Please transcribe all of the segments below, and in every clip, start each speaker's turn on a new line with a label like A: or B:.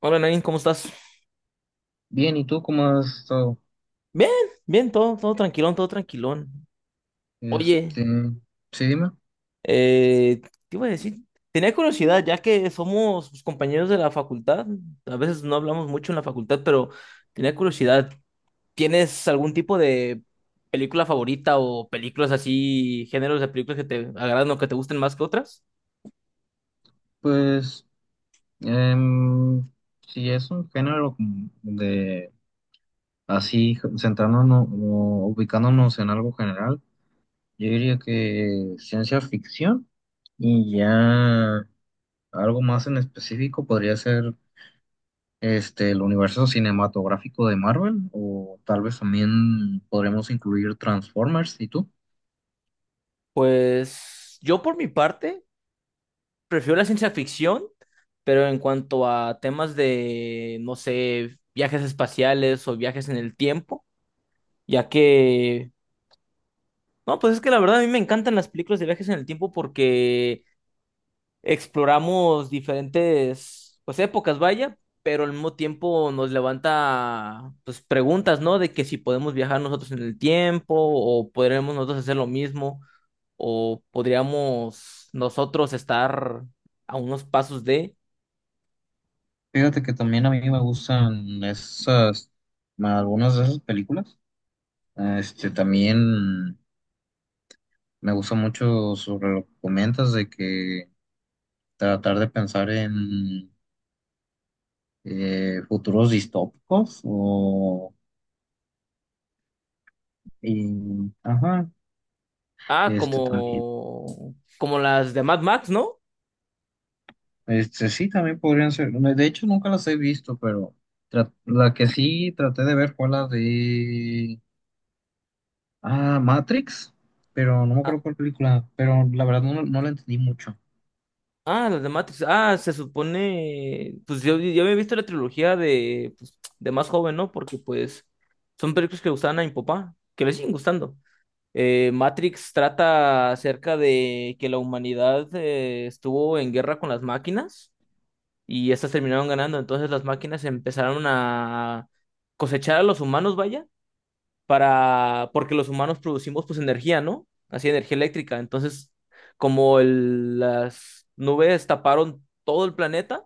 A: Hola Nain, ¿cómo estás?
B: Bien, ¿y tú cómo has estado?
A: Bien, bien, todo tranquilón, todo tranquilón. Oye,
B: Este, sí, dime.
A: eh, ¿qué iba a decir? Tenía curiosidad, ya que somos pues, compañeros de la facultad, a veces no hablamos mucho en la facultad, pero tenía curiosidad, ¿tienes algún tipo de película favorita o películas así, géneros de películas que te agradan o que te gusten más que otras?
B: Pues, em, si es un género como de así, centrándonos o ubicándonos en algo general, yo diría que ciencia ficción y ya algo más en específico podría ser el universo cinematográfico de Marvel, o tal vez también podremos incluir Transformers. ¿Y tú?
A: Pues yo por mi parte, prefiero la ciencia ficción, pero en cuanto a temas de, no sé, viajes espaciales o viajes en el tiempo, ya que, no, pues es que la verdad a mí me encantan las películas de viajes en el tiempo porque exploramos diferentes, pues épocas, vaya, pero al mismo tiempo nos levanta, pues preguntas, ¿no? De que si podemos viajar nosotros en el tiempo o podremos nosotros hacer lo mismo o podríamos nosotros estar a unos pasos de...
B: Fíjate que también a mí me gustan esas, algunas de esas películas. También me gusta mucho sobre lo que comentas de que tratar de pensar en futuros distópicos ajá,
A: Ah,
B: este también,
A: como, como las de Mad Max, ¿no?
B: este sí, también podrían ser. De hecho, nunca las he visto, pero la que sí traté de ver fue la de, ah, Matrix, pero no me
A: Ah,
B: acuerdo cuál película, pero la verdad no la entendí mucho.
A: ah, las de Matrix. Ah, se supone, pues yo había visto la trilogía de, pues, de más joven, ¿no? Porque pues son películas que le gustaban a mi papá, que le siguen gustando. Matrix trata acerca de que la humanidad estuvo en guerra con las máquinas y estas terminaron ganando. Entonces las máquinas empezaron a cosechar a los humanos, vaya para, porque los humanos producimos pues energía, ¿no? Así energía eléctrica. Entonces, como el- las nubes taparon todo el planeta,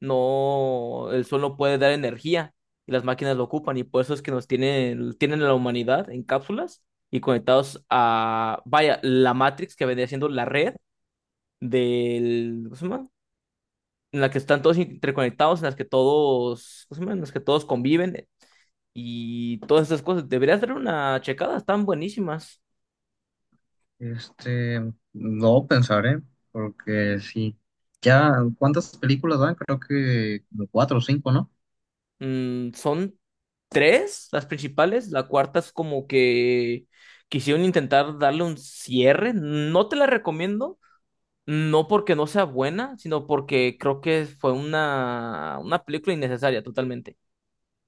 A: no, el sol no puede dar energía y las máquinas lo ocupan y por eso es que nos tienen, tienen a la humanidad en cápsulas y conectados a, vaya, la Matrix que vendría siendo la red del, ¿cómo se llama? En la que están todos interconectados, en las que todos, ¿cómo se llama? En las que todos conviven y todas esas cosas. Deberías dar una checada, están buenísimas.
B: Este, no pensaré, porque sí. Ya, ¿cuántas películas van? Creo que como cuatro o cinco, ¿no?
A: Mm, son tres las principales, la cuarta es como que quisieron intentar darle un cierre. No te la recomiendo, no porque no sea buena, sino porque creo que fue una película innecesaria totalmente,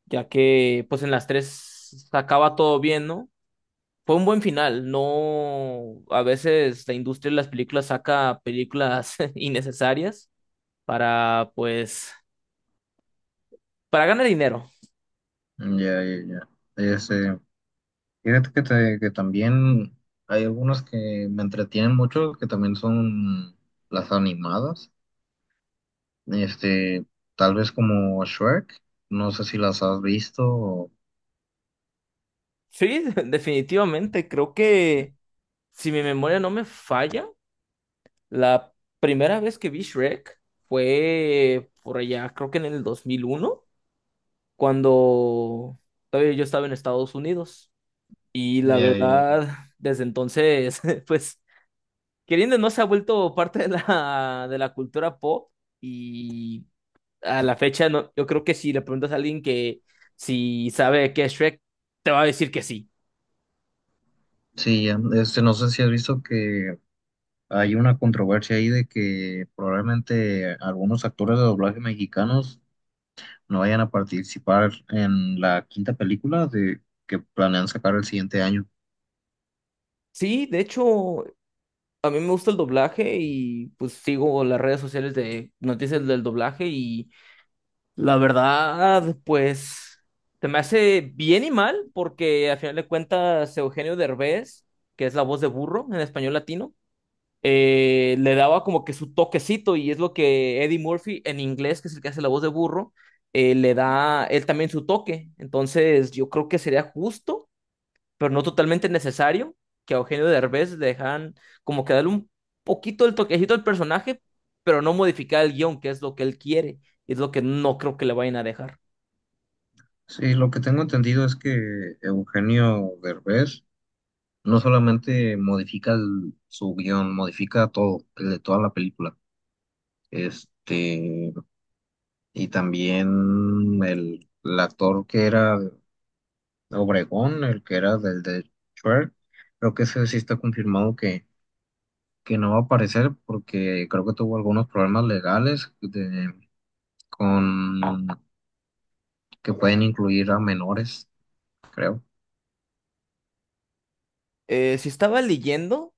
A: ya que pues en las tres acaba todo bien, ¿no? Fue un buen final, no, a veces la industria de las películas saca películas innecesarias para, pues, para ganar dinero.
B: Ya, ya, ya. Este, Fíjate que también hay algunas que me entretienen mucho, que también son las animadas. Este, Tal vez como Shrek, no sé si las has visto. O...
A: Sí, definitivamente. Creo que, si mi memoria no me falla, la primera vez que vi Shrek fue por allá, creo que en el 2001 cuando todavía yo estaba en Estados Unidos. Y la
B: Ya, ya, ya.
A: verdad, desde entonces, pues, queriendo o no se ha vuelto parte de la cultura pop. Y a la fecha, no, yo creo que si le preguntas a alguien que si sabe qué es Shrek, te va a decir que sí.
B: Sí, ya. No sé si has visto que hay una controversia ahí de que probablemente algunos actores de doblaje mexicanos no vayan a participar en la quinta película de que planean sacar el siguiente año.
A: Sí, de hecho, a mí me gusta el doblaje y pues sigo las redes sociales de noticias del doblaje y la verdad, pues se me hace bien y mal porque al final de cuentas Eugenio Derbez, que es la voz de burro en español latino, le daba como que su toquecito y es lo que Eddie Murphy en inglés, que es el que hace la voz de burro, le da él también su toque. Entonces yo creo que sería justo, pero no totalmente necesario, que a Eugenio Derbez le dejaran como que darle un poquito el toquecito al personaje, pero no modificar el guión, que es lo que él quiere, y es lo que no creo que le vayan a dejar.
B: Sí, lo que tengo entendido es que Eugenio Derbez no solamente modifica su guión, modifica todo, el de toda la película. Este, y también el actor que era Obregón, el que era del de Shrek, creo que ese sí está confirmado que no va a aparecer porque creo que tuvo algunos problemas legales de, con que pueden incluir a menores, creo.
A: Si estaba leyendo...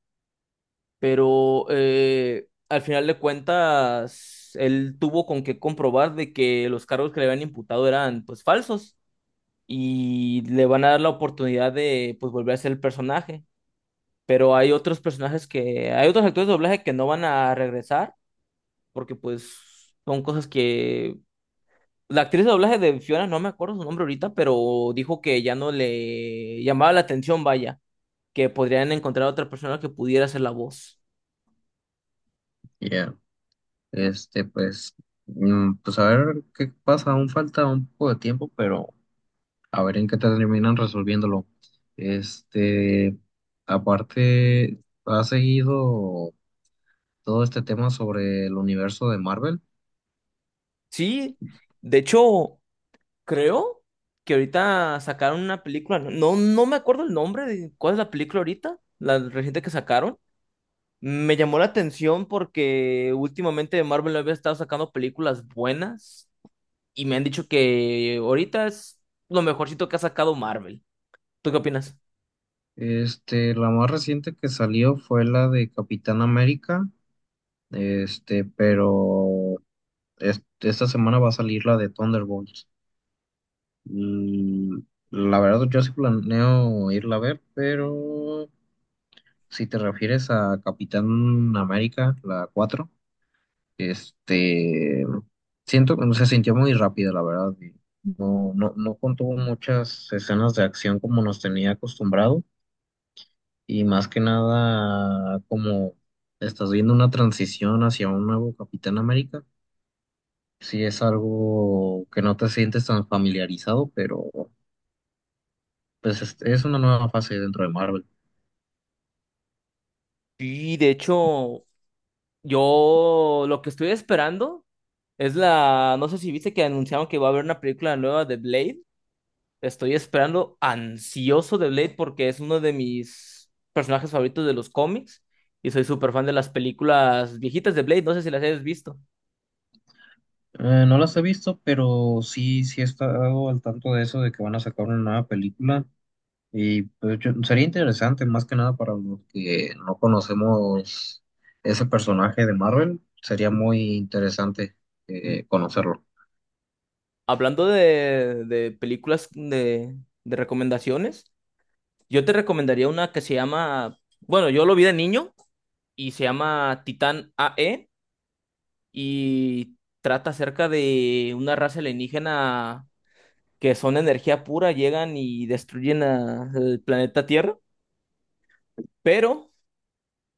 A: pero al final de cuentas, él tuvo con qué comprobar de que los cargos que le habían imputado eran pues falsos y le van a dar la oportunidad de pues volver a ser el personaje. Pero hay otros personajes que, hay otros actores de doblaje que no van a regresar porque pues son cosas que... La actriz de doblaje de Fiona, no me acuerdo su nombre ahorita, pero dijo que ya no le llamaba la atención, vaya, que podrían encontrar a otra persona que pudiera hacer la voz.
B: Ya. Este, pues, pues a ver qué pasa, aún falta un poco de tiempo, pero a ver en qué terminan resolviéndolo. Este, Aparte, ha seguido todo este tema sobre el universo de Marvel.
A: Sí, de hecho, creo que ahorita sacaron una película, no, no me acuerdo el nombre de cuál es la película ahorita, la reciente que sacaron. Me llamó la atención porque últimamente Marvel había estado sacando películas buenas y me han dicho que ahorita es lo mejorcito que ha sacado Marvel. ¿Tú qué opinas?
B: La más reciente que salió fue la de Capitán América. Pero esta semana va a salir la de Thunderbolts. Mm, La verdad, yo sí planeo irla a ver, pero si te refieres a Capitán América, la cuatro, este, siento que se sintió muy rápida, la verdad. No, no, no contuvo muchas escenas de acción como nos tenía acostumbrado, y más que nada, como estás viendo una transición hacia un nuevo Capitán América. Sí, es algo que no te sientes tan familiarizado, pero pues es una nueva fase dentro de Marvel.
A: Y de hecho, yo lo que estoy esperando es la, no sé si viste que anunciaron que va a haber una película nueva de Blade. Estoy esperando ansioso de Blade porque es uno de mis personajes favoritos de los cómics y soy súper fan de las películas viejitas de Blade. No sé si las hayas visto.
B: No las he visto, pero sí, sí he estado al tanto de eso, de que van a sacar una nueva película. Y pues sería interesante, más que nada para los que no conocemos ese personaje de Marvel, sería muy interesante conocerlo.
A: Hablando de películas de recomendaciones, yo te recomendaría una que se llama, bueno, yo lo vi de niño y se llama Titán AE y trata acerca de una raza alienígena que son energía pura, llegan y destruyen a- el planeta Tierra, pero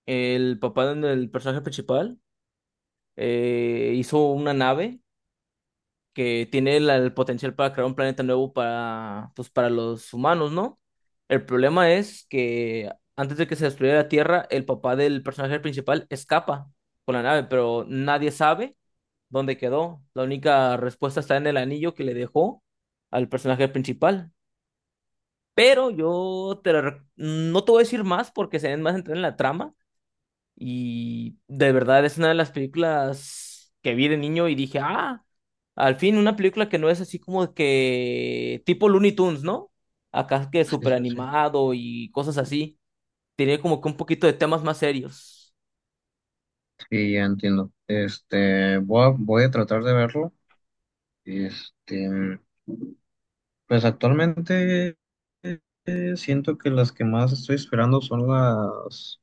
A: el papá del personaje principal hizo una nave que tiene la- el potencial para crear un planeta nuevo para, pues, para los humanos, ¿no? El problema es que antes de que se destruyera la Tierra, el papá del personaje principal escapa con la nave, pero nadie sabe dónde quedó. La única respuesta está en el anillo que le dejó al personaje principal. Pero yo te la rec- no te voy a decir más porque se den más entrar en la trama. Y de verdad es una de las películas que vi de niño y dije, ah, al fin una película que no es así como que tipo Looney Tunes, ¿no? Acá que
B: Sí,
A: súper
B: sí, sí.
A: animado y cosas así. Tiene como que un poquito de temas más serios.
B: Sí, ya entiendo. Voy a tratar de verlo. Este. Pues actualmente, eh, siento que las que más estoy esperando son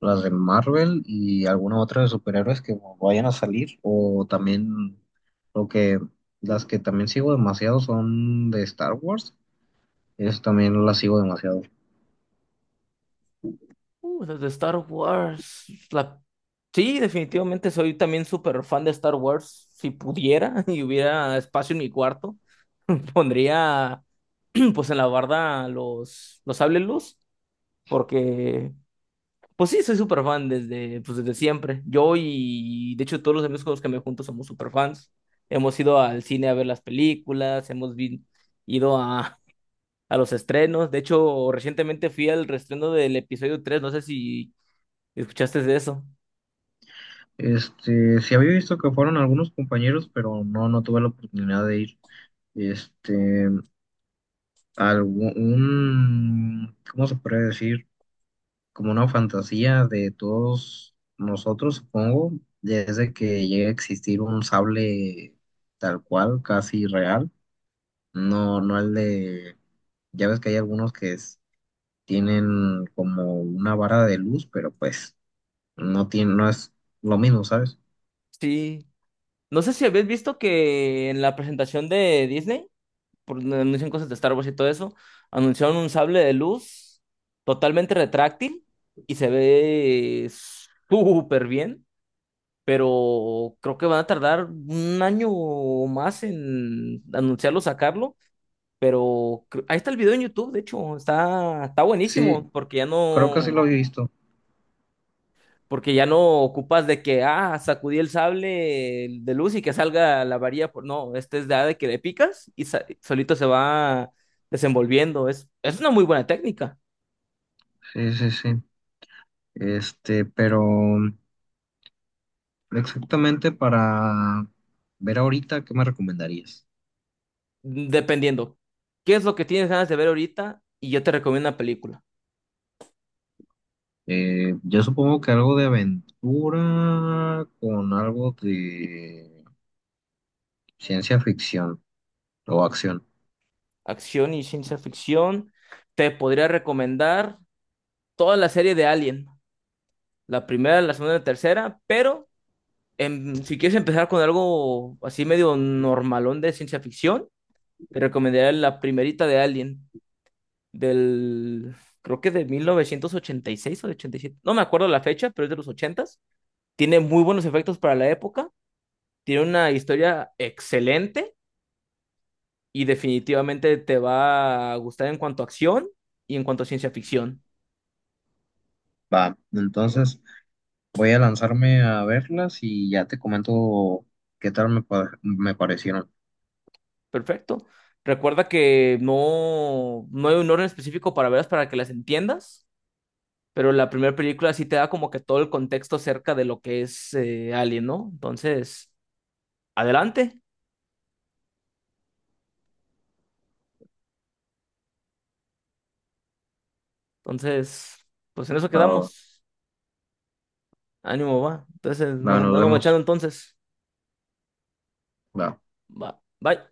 B: las de Marvel y alguna otra de superhéroes que vayan a salir. O también lo que las que también sigo demasiado son de Star Wars. Eso también las sigo demasiado.
A: Las de Star Wars. La- Sí, definitivamente soy también súper fan de Star Wars. Si pudiera y hubiera espacio en mi cuarto, pondría pues en la barda los sables luz, porque pues sí, soy súper fan desde, pues desde siempre. Yo y de hecho todos los amigos con los que me junto somos súper fans. Hemos ido al cine a ver las películas, hemos vi- ido a los estrenos. De hecho, recientemente fui al reestreno del episodio 3. No sé si escuchaste de eso.
B: Sí había visto que fueron algunos compañeros, pero no tuve la oportunidad de ir. Este, Algún, ¿cómo se puede decir? Como una fantasía de todos nosotros, supongo, desde que llegue a existir un sable tal cual, casi real, no, no el de, ya ves que hay algunos tienen como una vara de luz, pero pues no tiene, no es lo mismo, ¿sabes?
A: Sí. No sé si habías visto que en la presentación de Disney, por donde anuncian cosas de Star Wars y todo eso, anunciaron un sable de luz totalmente retráctil y se ve súper bien, pero creo que van a tardar un año o más en anunciarlo, sacarlo, pero cre- ahí está el video en YouTube, de hecho, está, está
B: Sí,
A: buenísimo,
B: creo que sí lo he visto.
A: porque ya no ocupas de que, ah, sacudí el sable de luz y que salga la varilla, por- no, este es de, ah, de que le picas y sa- solito se va desenvolviendo, es una muy buena técnica,
B: Sí, sí, sí, pero exactamente para ver ahorita, ¿qué me recomendarías?
A: dependiendo. ¿Qué es lo que tienes ganas de ver ahorita? Y yo te recomiendo una película.
B: Yo supongo que algo de aventura con algo de ciencia ficción o acción.
A: Acción y ciencia ficción. Te podría recomendar toda la serie de Alien, la primera, la segunda y la tercera, pero si quieres empezar con algo así medio normalón de ciencia ficción, te recomendaría la primerita de Alien, del, creo que de 1986 o de 87, no me acuerdo la fecha, pero es de los 80's. Tiene muy buenos efectos para la época, tiene una historia excelente y definitivamente te va a gustar en cuanto a acción y en cuanto a ciencia ficción.
B: Va, entonces voy a lanzarme a verlas y ya te comento qué tal me parecieron.
A: Perfecto. Recuerda que no, no hay un orden específico para verlas para que las entiendas, pero la primera película sí te da como que todo el contexto acerca de lo que es Alien, ¿no? Entonces, adelante. Entonces, pues en eso
B: Va.
A: quedamos. Ánimo, va. Entonces, nos
B: Va, nos
A: andamos guachando
B: vemos.
A: entonces.
B: Va.
A: Va. Bye.